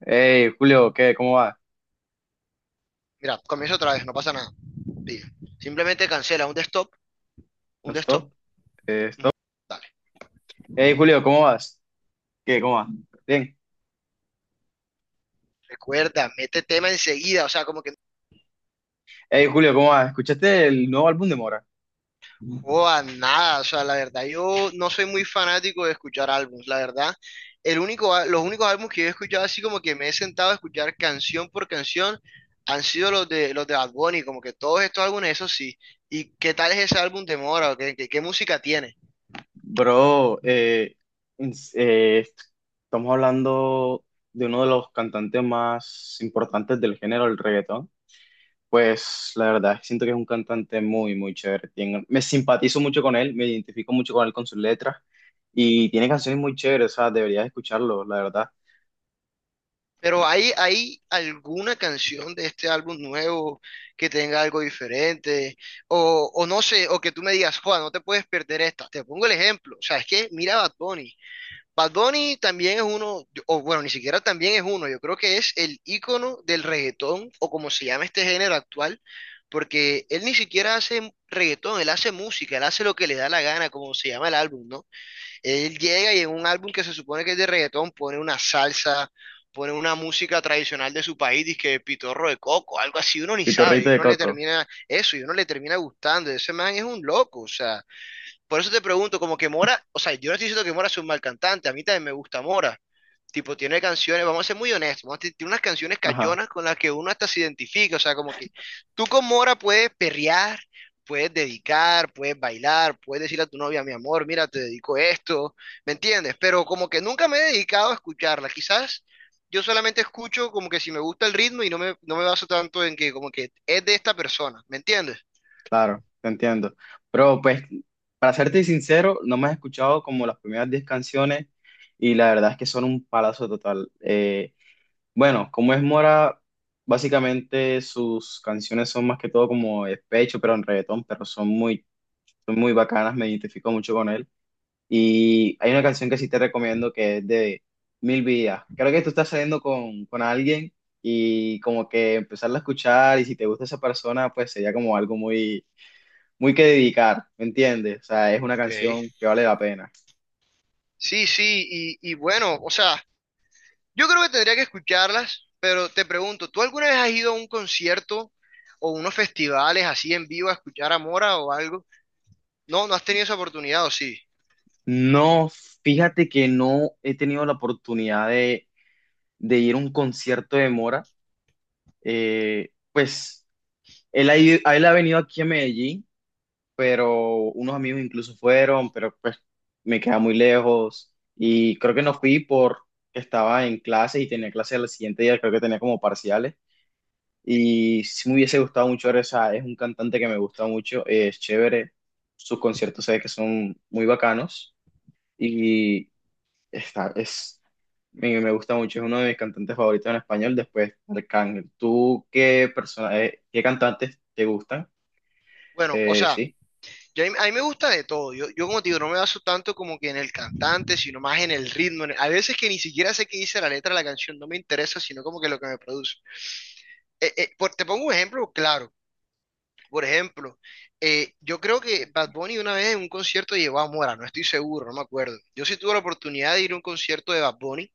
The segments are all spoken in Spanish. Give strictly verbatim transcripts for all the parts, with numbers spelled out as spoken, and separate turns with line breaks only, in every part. Hey, Julio, ¿qué? ¿Cómo va?
Mira, comienzo otra vez, no pasa nada. Bien, simplemente cancela un desktop, un desktop,
¿Stop? Eh, ¿stop?
dale.
Hey, Julio, ¿cómo vas? ¿Qué? ¿Cómo vas? Bien.
Recuerda, mete tema enseguida, o sea, como que no
Hey, Julio, ¿cómo vas? ¿Escuchaste el nuevo álbum de Mora?
joda nada, o sea, la verdad, yo no soy muy fanático de escuchar álbumes, la verdad. El único, á- los únicos álbumes que yo he escuchado así como que me he sentado a escuchar canción por canción han sido los de los de Bad Bunny, como que todos estos álbumes, eso sí. ¿Y qué tal es ese álbum de Mora? ¿Qué, qué, qué música tiene?
Bro, eh, ins- eh, estamos hablando de uno de los cantantes más importantes del género del reggaetón. Pues la verdad, siento que es un cantante muy, muy chévere. Tiene- me simpatizo mucho con él, me identifico mucho con él con sus letras y tiene canciones muy chéveres, o sea, deberías escucharlo, la verdad.
Pero ¿hay, hay alguna canción de este álbum nuevo que tenga algo diferente? O, o no sé, o que tú me digas, Juan, no te puedes perder esta. Te pongo el ejemplo. O sea, es que mira a Bad Bunny. Bad Bunny también es uno, o bueno, ni siquiera también es uno. Yo creo que es el ícono del reggaetón, o como se llama este género actual, porque él ni siquiera hace reggaetón, él hace música, él hace lo que le da la gana, como se llama el álbum, ¿no? Él llega y en un álbum que se supone que es de reggaetón pone una salsa, pone una música tradicional de su país, dizque pitorro de coco, algo así, uno ni sabe,
Pitorrito
y
de
uno le
Coco.
termina eso, y uno le termina gustando, ese man es un loco, o sea, por eso te pregunto, como que Mora, o sea, yo no estoy diciendo que Mora sea un mal cantante, a mí también me gusta Mora. Tipo, tiene canciones, vamos a ser muy honestos, vamos a decir, tiene unas canciones
Ajá.
cachonas con las que uno hasta se identifica, o sea, como que tú con Mora puedes perrear, puedes dedicar, puedes bailar, puedes decirle a tu novia, mi amor, mira, te dedico esto, ¿me entiendes? Pero como que nunca me he dedicado a escucharla, quizás yo solamente escucho como que si me gusta el ritmo y no me, no me baso tanto en que como que es de esta persona, ¿me entiendes?
Claro, te entiendo. Pero pues, para serte sincero, no me has escuchado como las primeras diez canciones y la verdad es que son un palazo total. Eh, bueno, como es Mora, básicamente sus canciones son más que todo como despecho, pero en reggaetón, pero son muy, son muy bacanas, me identifico mucho con él. Y hay una canción que sí te recomiendo que es de Mil Vidas. Creo que tú estás saliendo con, con alguien y como que empezarla a escuchar y si te gusta esa persona, pues sería como algo muy muy que dedicar, ¿me entiendes? O sea, es una
Ok.
canción que vale la pena.
Sí, sí, y, y bueno, o sea... Yo creo que tendría que escucharlas, pero te pregunto, ¿tú alguna vez has ido a un concierto o unos festivales así en vivo a escuchar a Mora o algo? No, no has tenido esa oportunidad, ¿o sí?
No, fíjate que no he tenido la oportunidad de, de ir a un concierto de Mora. Eh, pues él ha, ido- él ha venido aquí a Medellín, pero unos amigos incluso fueron, pero pues me queda muy lejos. Y creo que no fui porque estaba en clase y tenía clase al siguiente día, creo que tenía como parciales. Y sí me hubiese gustado mucho ver esa, es un cantante que me gusta mucho, eh, es chévere, sus conciertos sé que son muy bacanos y está, es, me, me gusta mucho, es uno de mis cantantes favoritos en español después de Arcángel. ¿Tú qué persona, eh, qué cantantes te gustan?
Bueno, o
Eh,
sea,
sí,
yo a mí, a mí me gusta de todo. Yo, yo como te digo, no me baso tanto como que en el cantante, sino más en el ritmo. en el- Hay veces que ni siquiera sé qué dice la letra de la canción, no me interesa, sino como que lo que me produce. Eh, eh, por- te pongo un ejemplo claro. Por ejemplo, eh, yo creo que Bad Bunny una vez en un concierto llevó a Mora, no estoy seguro, no me acuerdo. Yo sí tuve la oportunidad de ir a un concierto de Bad Bunny,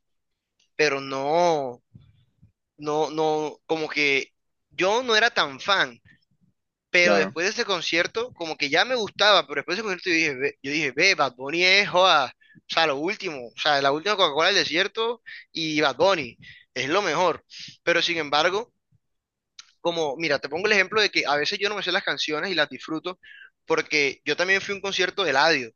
pero no, no, no, como que yo no era tan fan, pero
claro,
después de ese concierto, como que ya me gustaba, pero después de ese concierto yo dije, ve, yo dije, ve, Bad Bunny es, joda, o sea, lo último, o sea, la última Coca-Cola del desierto y Bad Bunny es lo mejor. Pero sin embargo, como, mira, te pongo el ejemplo de que a veces yo no me sé las canciones y las disfruto, porque yo también fui a un concierto de Eladio,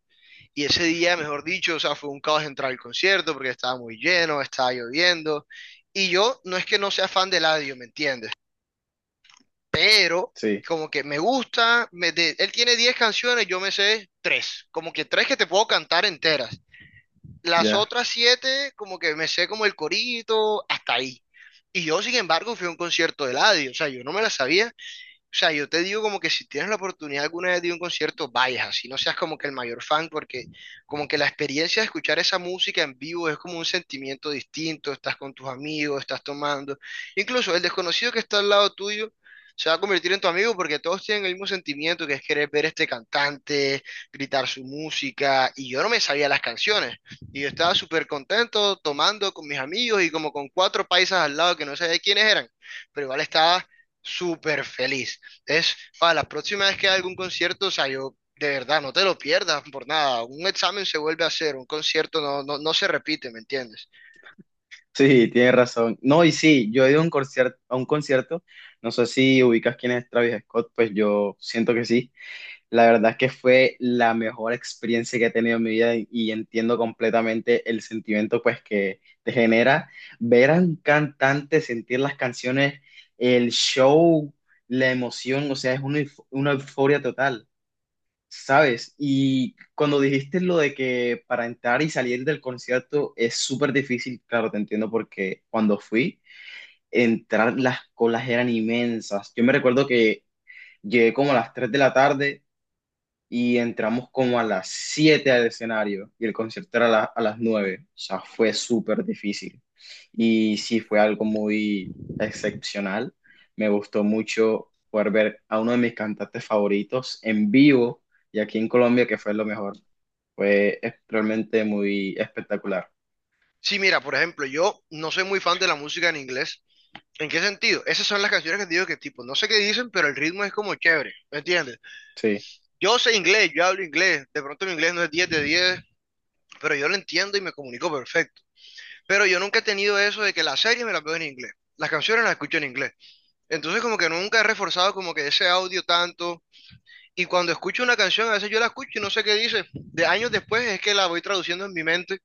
y ese día, mejor dicho, o sea, fue un caos entrar al concierto, porque estaba muy lleno, estaba lloviendo, y yo no es que no sea fan de Eladio, ¿me entiendes? Pero
sí,
como que me gusta, me de- él tiene diez canciones, yo me sé tres como que tres que te puedo cantar enteras. Las
ya.
otras siete como que me sé como el corito, hasta ahí. Y yo, sin embargo, fui a un concierto de Eladio, o sea, yo no me la sabía, o sea, yo te digo como que si tienes la oportunidad alguna vez de ir a un concierto, vayas, así no seas como que el mayor fan, porque como que la experiencia de escuchar esa música en vivo es como un sentimiento distinto, estás con tus amigos, estás tomando, incluso el desconocido que está al lado tuyo se va a convertir en tu amigo porque todos tienen el mismo sentimiento que es querer ver a este cantante, gritar su música, y yo no me sabía las canciones, y yo estaba súper contento tomando con mis amigos y como con cuatro paisas al lado que no sabía quiénes eran, pero igual estaba súper feliz. Es para la próxima vez que haya algún concierto, o sea, yo de verdad no te lo pierdas por nada. Un examen se vuelve a hacer, un concierto no, no, no se repite, ¿me entiendes?
Sí, tienes razón. No, y sí, yo he ido a un concierto, a un concierto, no sé si ubicas quién es Travis Scott, pues yo siento que sí. La verdad es que fue la mejor experiencia que he tenido en mi vida y y entiendo completamente el sentimiento pues que te genera ver a un cantante, sentir las canciones, el show, la emoción, o sea, es una, euf- una euforia total, ¿sabes? Y cuando dijiste lo de que para entrar y salir del concierto es súper difícil, claro, te entiendo porque cuando fui, entrar las colas eran inmensas. Yo me recuerdo que llegué como a las tres de la tarde y entramos como a las siete al escenario y el concierto era a, la- a las nueve. O sea, fue súper difícil. Y sí, fue algo muy excepcional. Me gustó mucho poder ver a uno de mis cantantes favoritos en vivo y aquí en Colombia, que fue lo mejor. Fue es- realmente muy espectacular.
Sí, mira, por ejemplo, yo no soy muy fan de la música en inglés. ¿En qué sentido? Esas son las canciones que te digo que tipo, no sé qué dicen, pero el ritmo es como chévere, ¿me entiendes?
Sí.
Yo sé inglés, yo hablo inglés, de pronto mi inglés no es diez de diez, pero yo lo entiendo y me comunico perfecto. Pero yo nunca he tenido eso de que las series me las veo en inglés, las canciones las escucho en inglés. Entonces como que nunca he reforzado como que ese audio tanto. Y cuando escucho una canción, a veces yo la escucho y no sé qué dice. De años después es que la voy traduciendo en mi mente.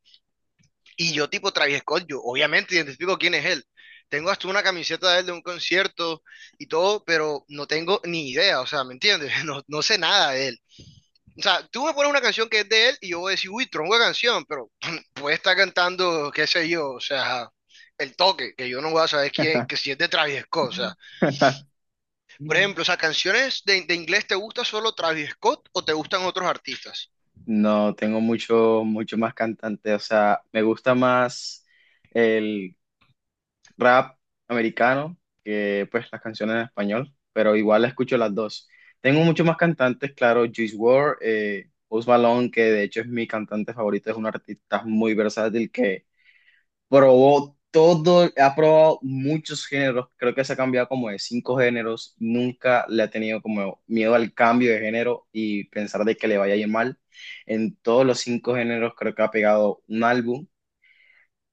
Y yo, tipo Travis Scott, yo obviamente identifico quién es él. Tengo hasta una camiseta de él de un concierto y todo, pero no tengo ni idea, o sea, ¿me entiendes? No, no sé nada de él. O sea, tú me pones una canción que es de él y yo voy a decir, uy, tronco de canción, pero puede estar cantando, qué sé yo, o sea, el toque, que yo no voy a saber quién, que si es de Travis Scott, o sea. Por ejemplo, o sea, ¿canciones de, de inglés te gusta solo Travis Scott o te gustan otros artistas?
No, tengo mucho, mucho más cantante. O sea, me gusta más el rap americano, que pues las canciones en español, pero igual escucho las dos. Tengo muchos más cantantes, claro, Juice world, eh, Post Malone, que de hecho es mi cantante favorito, es un artista muy versátil que probó todo, ha probado muchos géneros, creo que se ha cambiado como de cinco géneros, nunca le ha tenido como miedo al cambio de género y pensar de que le vaya a ir mal. En todos los cinco géneros creo que ha pegado un álbum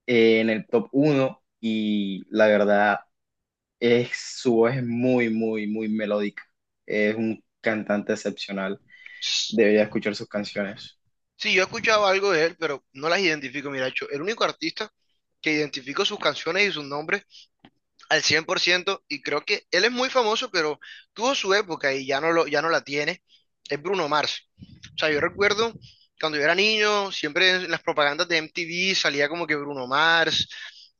eh, en el top uno y la verdad es, su voz es muy, muy, muy melódica. Es un cantante excepcional.
Sí,
Debería escuchar sus canciones.
yo he escuchado algo de él, pero no las identifico. Mira, yo, el único artista que identifico sus canciones y sus nombres al cien por ciento y creo que él es muy famoso, pero tuvo su época y ya no, lo, ya no la tiene, es Bruno Mars. O sea, yo recuerdo cuando yo era niño, siempre en las propagandas de M T V salía como que Bruno Mars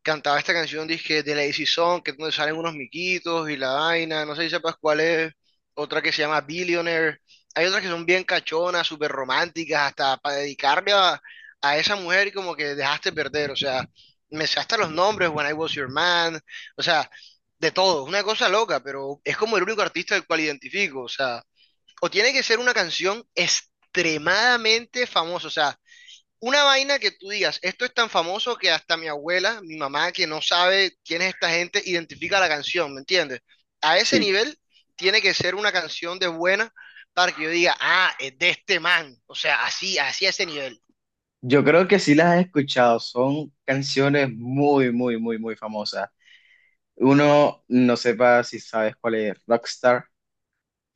cantaba esta canción dije de Lazy Song, que es donde salen unos miquitos y la vaina, no sé si sepas cuál es, otra que se llama Billionaire, hay otras que son bien cachonas, súper románticas, hasta para dedicarle a, a esa mujer y como que dejaste perder, o sea, me sé hasta los nombres, When I Was Your Man, o sea, de todo, es una cosa loca, pero es como el único artista del cual identifico, o sea, o tiene que ser una canción extremadamente famosa, o sea, una vaina que tú digas, esto es tan famoso que hasta mi abuela, mi mamá, que no sabe quién es esta gente, identifica la canción, ¿me entiendes? A ese
Sí,
nivel tiene que ser una canción de buena para que yo diga, ah, es de este man, o sea, así, así a ese nivel.
yo creo que sí las he escuchado. Son canciones muy, muy, muy, muy famosas. Uno no sepa si sabes cuál es Rockstar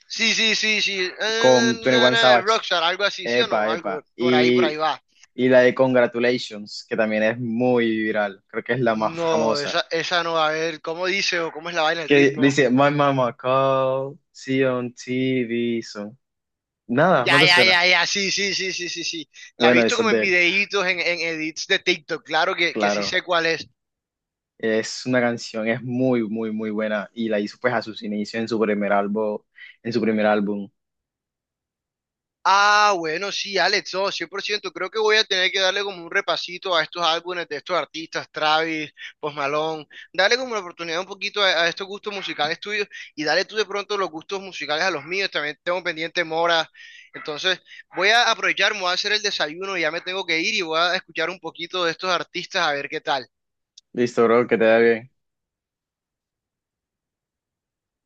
Sí, sí, sí, sí, eh,
con Twenty
na,
One
na,
Savage.
Rockstar, algo así, ¿sí o no?
Epa,
Algo
epa.
por ahí, por ahí
Y,
va.
y la de Congratulations, que también es muy viral. Creo que es la más
No,
famosa.
esa, esa no, a ver, ¿cómo dice o cómo es la vaina, el
Que
ritmo?
dice, My mama called, see on T V, so. Nada, no
Ya,
te
ya,
suena.
ya, ya, sí, sí, sí, sí, sí, sí. La he
Bueno,
visto
eso es
como en
de él,
videitos, en, en edits de TikTok, claro que, que sí
claro.
sé cuál es.
Es una canción, es muy, muy, muy buena. Y la hizo pues a sus inicios en su primer álbum, en su primer álbum.
Ah, bueno, sí, Alex, no, cien por ciento. Creo que voy a tener que darle como un repasito a estos álbumes de estos artistas, Travis, Post Malone. Darle como la oportunidad un poquito a, a estos gustos musicales tuyos y dale tú de pronto los gustos musicales a los míos. También tengo pendiente Mora. Entonces, voy a aprovechar, me voy a hacer el desayuno, ya me tengo que ir y voy a escuchar un poquito de estos artistas a ver qué tal.
Listo, bro, que te da bien.